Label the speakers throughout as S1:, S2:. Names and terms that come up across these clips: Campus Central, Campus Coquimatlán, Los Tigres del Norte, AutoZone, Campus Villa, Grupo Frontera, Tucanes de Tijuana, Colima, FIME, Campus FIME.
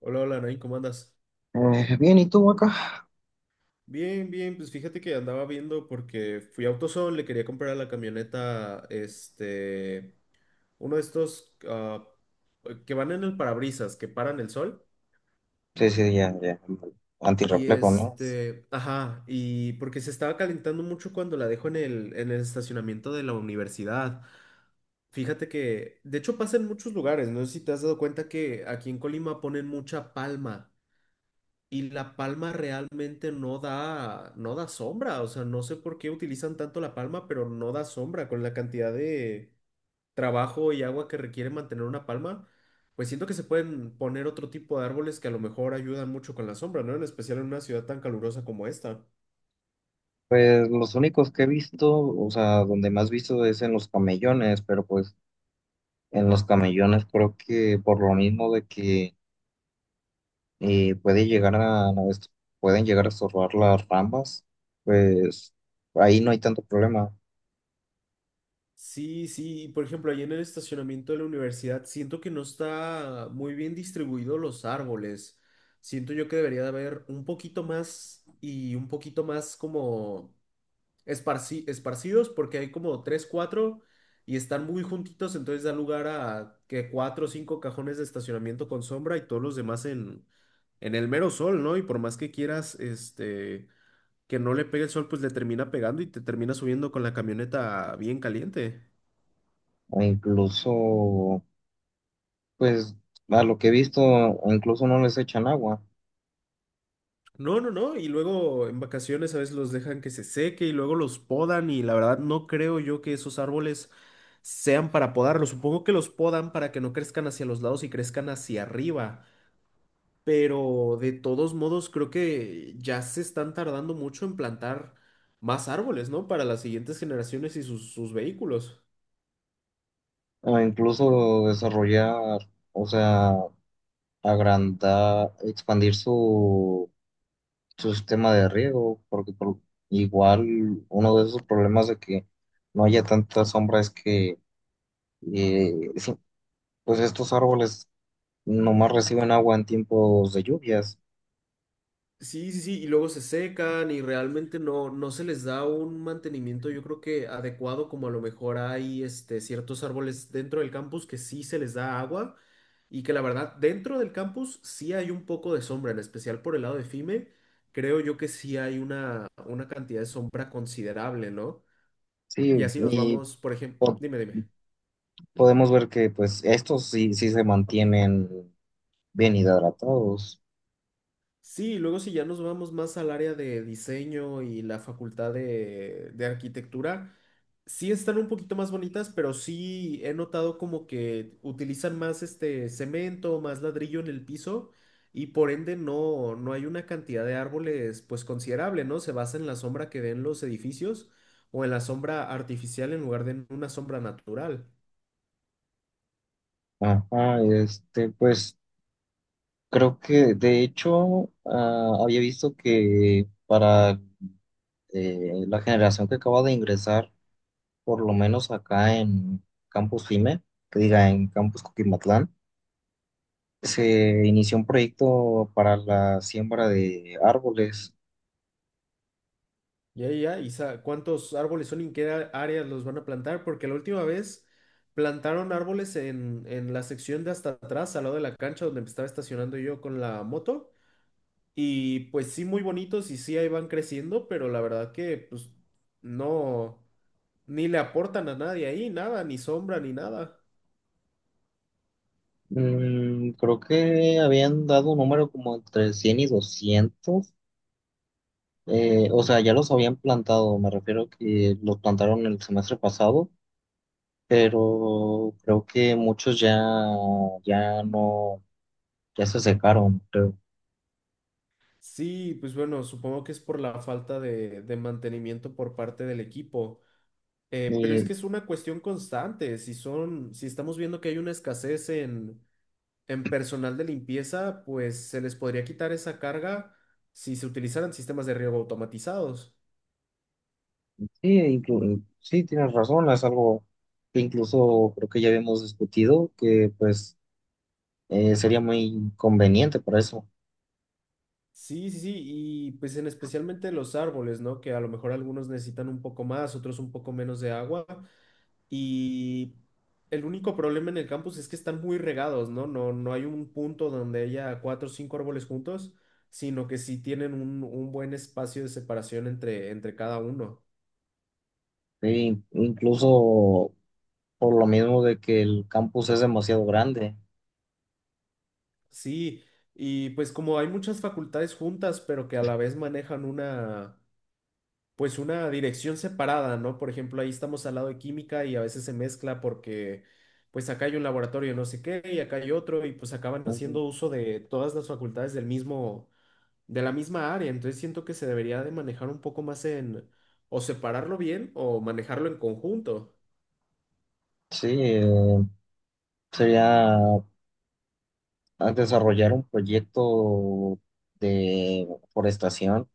S1: Hola, hola, Nain, ¿cómo andas?
S2: Bien, ¿y tú acá?
S1: Bien, bien, pues fíjate que andaba viendo porque fui a AutoZone, le quería comprar a la camioneta, uno de estos que van en el parabrisas, que paran el sol.
S2: Sí, sí, ya, ya. Antirreflejo, ¿no?
S1: Ajá, y porque se estaba calentando mucho cuando la dejo en el estacionamiento de la universidad. Fíjate que, de hecho, pasa en muchos lugares, no sé si te has dado cuenta que aquí en Colima ponen mucha palma. Y la palma realmente no da sombra, o sea, no sé por qué utilizan tanto la palma, pero no da sombra con la cantidad de trabajo y agua que requiere mantener una palma. Pues siento que se pueden poner otro tipo de árboles que a lo mejor ayudan mucho con la sombra, ¿no? En especial en una ciudad tan calurosa como esta.
S2: Pues los únicos que he visto, o sea, donde más visto es en los camellones, pero pues en los camellones creo que por lo mismo de que puede llegar a, no, pueden llegar a estorbar las ramas, pues ahí no hay tanto problema.
S1: Sí, sí, por ejemplo, ahí en el estacionamiento de la universidad siento que no está muy bien distribuido los árboles. Siento yo que debería de haber un poquito más y un poquito más como esparcidos porque hay como tres, cuatro y están muy juntitos, entonces da lugar a que cuatro o cinco cajones de estacionamiento con sombra y todos los demás en el mero sol, ¿no? Y por más que quieras, que no le pegue el sol, pues le termina pegando y te termina subiendo con la camioneta bien caliente.
S2: O incluso, pues a lo que he visto, incluso no les echan agua.
S1: No, no, no, y luego en vacaciones a veces los dejan que se seque y luego los podan y la verdad no creo yo que esos árboles sean para podarlos, supongo que los podan para que no crezcan hacia los lados y crezcan hacia arriba. Pero de todos modos, creo que ya se están tardando mucho en plantar más árboles, ¿no? Para las siguientes generaciones y sus vehículos.
S2: O incluso desarrollar, o sea, agrandar, expandir su, su sistema de riego, porque igual uno de esos problemas de que no haya tanta sombra es que sí, pues estos árboles nomás reciben agua en tiempos de lluvias.
S1: Sí, sí, sí, y luego se secan y realmente no se les da un mantenimiento, yo creo que adecuado, como a lo mejor hay ciertos árboles dentro del campus que sí se les da agua y que la verdad dentro del campus sí hay un poco de sombra, en especial por el lado de FIME, creo yo que sí hay una cantidad de sombra considerable, ¿no?
S2: Sí,
S1: Y así nos
S2: y
S1: vamos, por ejemplo,
S2: po-
S1: dime, dime.
S2: podemos ver que pues estos sí, sí se mantienen bien hidratados.
S1: Sí, luego si ya nos vamos más al área de diseño y la facultad de arquitectura, sí están un poquito más bonitas, pero sí he notado como que utilizan más este cemento, más ladrillo en el piso y por ende no hay una cantidad de árboles pues considerable, ¿no? Se basa en la sombra que den los edificios o en la sombra artificial en lugar de en una sombra natural.
S2: Ajá, este, pues creo que de hecho había visto que para la generación que acaba de ingresar, por lo menos acá en Campus FIME, que diga en Campus Coquimatlán, se inició un proyecto para la siembra de árboles.
S1: Ya, ya, ¿y cuántos árboles son y en qué áreas los van a plantar? Porque la última vez plantaron árboles en, la sección de hasta atrás, al lado de la cancha donde me estaba estacionando yo con la moto. Y pues sí, muy bonitos y sí, ahí van creciendo, pero la verdad que pues no, ni le aportan a nadie ahí, nada, ni sombra, ni nada.
S2: Mm, creo que habían dado un número como entre 100 y 200. O sea, ya los habían plantado, me refiero que los plantaron el semestre pasado, pero creo que muchos ya, ya no, ya se secaron, creo.
S1: Sí, pues bueno, supongo que es por la falta de mantenimiento por parte del equipo. Pero es
S2: Y
S1: que es una cuestión constante. Si estamos viendo que hay una escasez en personal de limpieza, pues se les podría quitar esa carga si se utilizaran sistemas de riego automatizados.
S2: sí, sí, tienes razón, es algo que incluso creo que ya habíamos discutido, que pues sería muy conveniente para eso.
S1: Sí, sí, sí, y pues en especialmente los árboles, ¿no? Que a lo mejor algunos necesitan un poco más, otros un poco menos de agua. Y el único problema en el campus es que están muy regados, ¿no? No, no hay un punto donde haya cuatro o cinco árboles juntos, sino que sí tienen un buen espacio de separación entre, entre cada uno.
S2: Sí, incluso por lo mismo de que el campus es demasiado grande.
S1: Sí, y pues como hay muchas facultades juntas, pero que a la vez manejan pues una dirección separada, ¿no? Por ejemplo, ahí estamos al lado de química y a veces se mezcla porque... Pues acá hay un laboratorio no sé qué y acá hay otro y pues acaban
S2: Ujú.
S1: haciendo uso de todas las facultades del mismo, de la misma área, entonces siento que se debería de manejar un poco más en o separarlo bien o manejarlo en conjunto.
S2: Sí, sería a desarrollar un proyecto de forestación,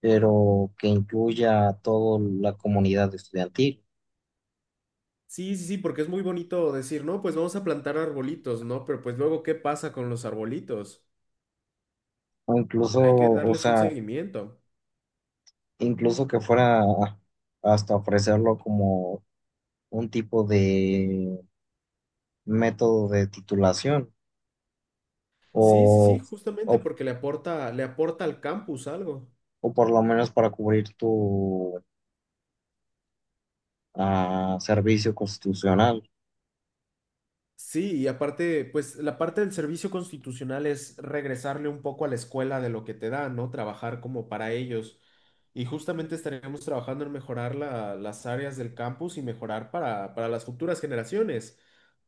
S2: pero que incluya a toda la comunidad estudiantil.
S1: Sí, sí, sí, porque es muy bonito decir, no, pues vamos a plantar arbolitos, ¿no? Pero pues luego, ¿qué pasa con los arbolitos?
S2: O incluso,
S1: Hay que
S2: o
S1: darles un
S2: sea,
S1: seguimiento.
S2: incluso que fuera hasta ofrecerlo como un tipo de método de titulación
S1: Sí, sí,
S2: o,
S1: sí, justamente
S2: o,
S1: porque le aporta al campus algo.
S2: o por lo menos para cubrir tu servicio constitucional.
S1: Sí, y aparte, pues la parte del servicio constitucional es regresarle un poco a la escuela de lo que te da, ¿no? Trabajar como para ellos. Y justamente estaríamos trabajando en mejorar las áreas del campus y mejorar para las futuras generaciones,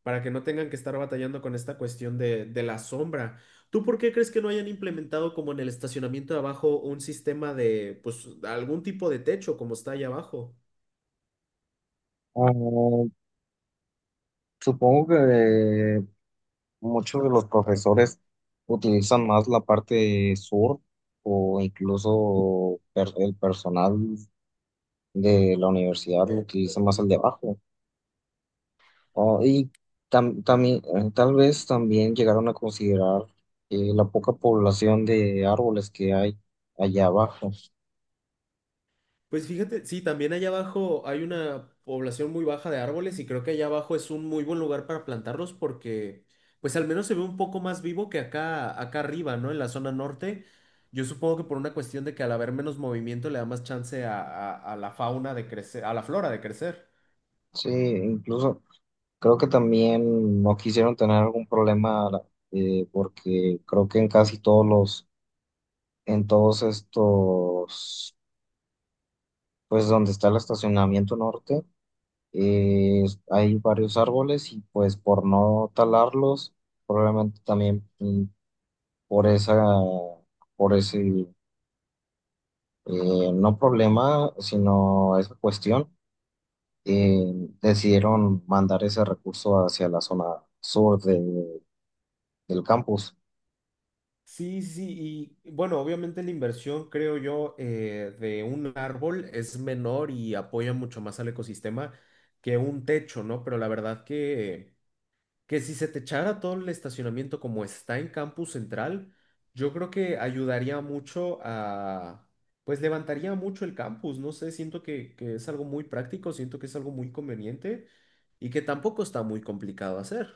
S1: para que no tengan que estar batallando con esta cuestión de la sombra. ¿Tú por qué crees que no hayan implementado como en el estacionamiento de abajo un sistema de, pues, algún tipo de techo como está ahí abajo?
S2: Ah, supongo que muchos de los profesores utilizan más la parte sur o incluso el personal de la universidad lo utiliza más el de abajo. Oh, y también, tal vez también llegaron a considerar la poca población de árboles que hay allá abajo.
S1: Pues fíjate, sí, también allá abajo hay una población muy baja de árboles y creo que allá abajo es un muy buen lugar para plantarlos porque pues al menos se ve un poco más vivo que acá arriba, ¿no? En la zona norte. Yo supongo que por una cuestión de que al haber menos movimiento le da más chance a, a la fauna de crecer, a la flora de crecer.
S2: Sí, incluso creo que también no quisieron tener algún problema porque creo que en casi todos los, en todos estos, pues donde está el estacionamiento norte, eh, hay varios árboles y pues por no talarlos, probablemente también por esa, por ese no problema, sino esa cuestión, eh, decidieron mandar ese recurso hacia la zona sur del campus.
S1: Sí, sí, sí, y bueno, obviamente la inversión, creo yo, de un árbol es menor y apoya mucho más al ecosistema que un techo, ¿no? Pero la verdad que si se te echara todo el estacionamiento como está en Campus Central, yo creo que ayudaría mucho a, pues levantaría mucho el campus, no sé, siento que es algo muy práctico, siento que es algo muy conveniente y que tampoco está muy complicado hacer.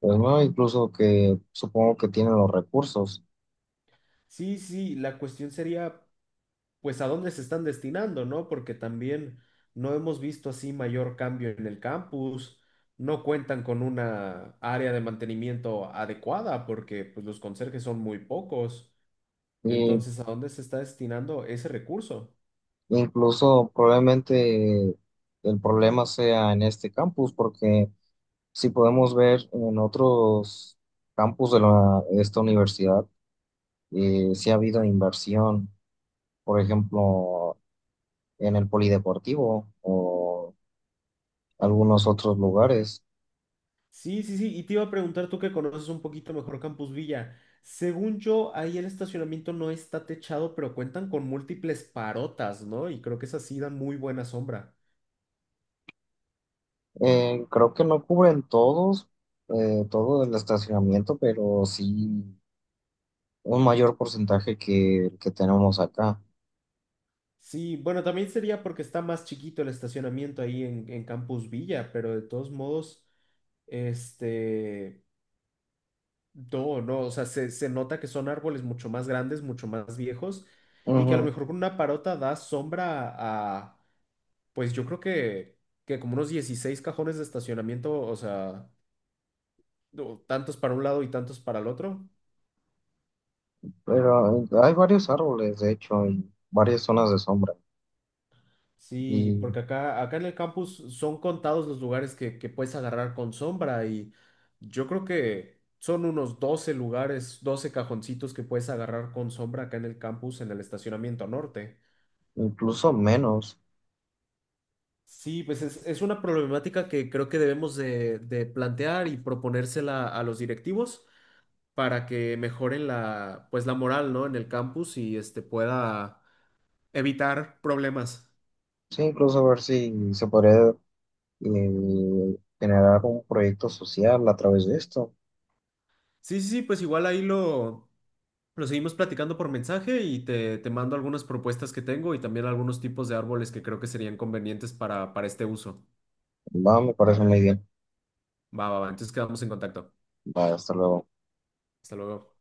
S2: Pues, ¿no? Incluso que supongo que tienen los recursos
S1: Sí, sí, la cuestión sería, pues, a dónde se están destinando, ¿no? Porque también no hemos visto así mayor cambio en el campus. No cuentan con una área de mantenimiento adecuada porque pues, los conserjes son muy pocos.
S2: y
S1: Entonces, ¿a dónde se está destinando ese recurso?
S2: incluso probablemente el problema sea en este campus porque si podemos ver en otros campus de esta universidad, si ha habido inversión, por ejemplo, en el polideportivo o algunos otros lugares.
S1: Sí, sí, sí. Y te iba a preguntar tú que conoces un poquito mejor Campus Villa. Según yo, ahí el estacionamiento no está techado, pero cuentan con múltiples parotas, ¿no? Y creo que esas sí dan muy buena sombra.
S2: Creo que no cubren todos, todo el estacionamiento, pero sí un mayor porcentaje que el que tenemos acá.
S1: Sí, bueno, también sería porque está más chiquito el estacionamiento ahí en, Campus Villa, pero de todos modos, este, no, no, o sea, se nota que son árboles mucho más grandes, mucho más viejos, y que a lo
S2: Ujú.
S1: mejor con una parota da sombra a, pues yo creo que como unos 16 cajones de estacionamiento, o sea, no, tantos para un lado y tantos para el otro.
S2: Pero hay varios árboles, de hecho, y varias zonas de sombra,
S1: Sí,
S2: y
S1: porque acá en el campus son contados los lugares que puedes agarrar con sombra y yo creo que son unos 12 lugares, 12 cajoncitos que puedes agarrar con sombra acá en el campus en el estacionamiento norte.
S2: incluso menos.
S1: Sí, pues es una problemática que creo que debemos de plantear y proponérsela a los directivos para que mejoren pues la moral, ¿no? En el campus y este pueda evitar problemas.
S2: Sí, incluso a ver si se podría generar un proyecto social a través de esto.
S1: Sí, sí, sí, pues igual ahí lo seguimos platicando por mensaje y te mando algunas propuestas que tengo y también algunos tipos de árboles que creo que serían convenientes para, este uso.
S2: Va, me parece muy bien.
S1: Va, va, va. Entonces quedamos en contacto.
S2: Va, hasta luego.
S1: Hasta luego.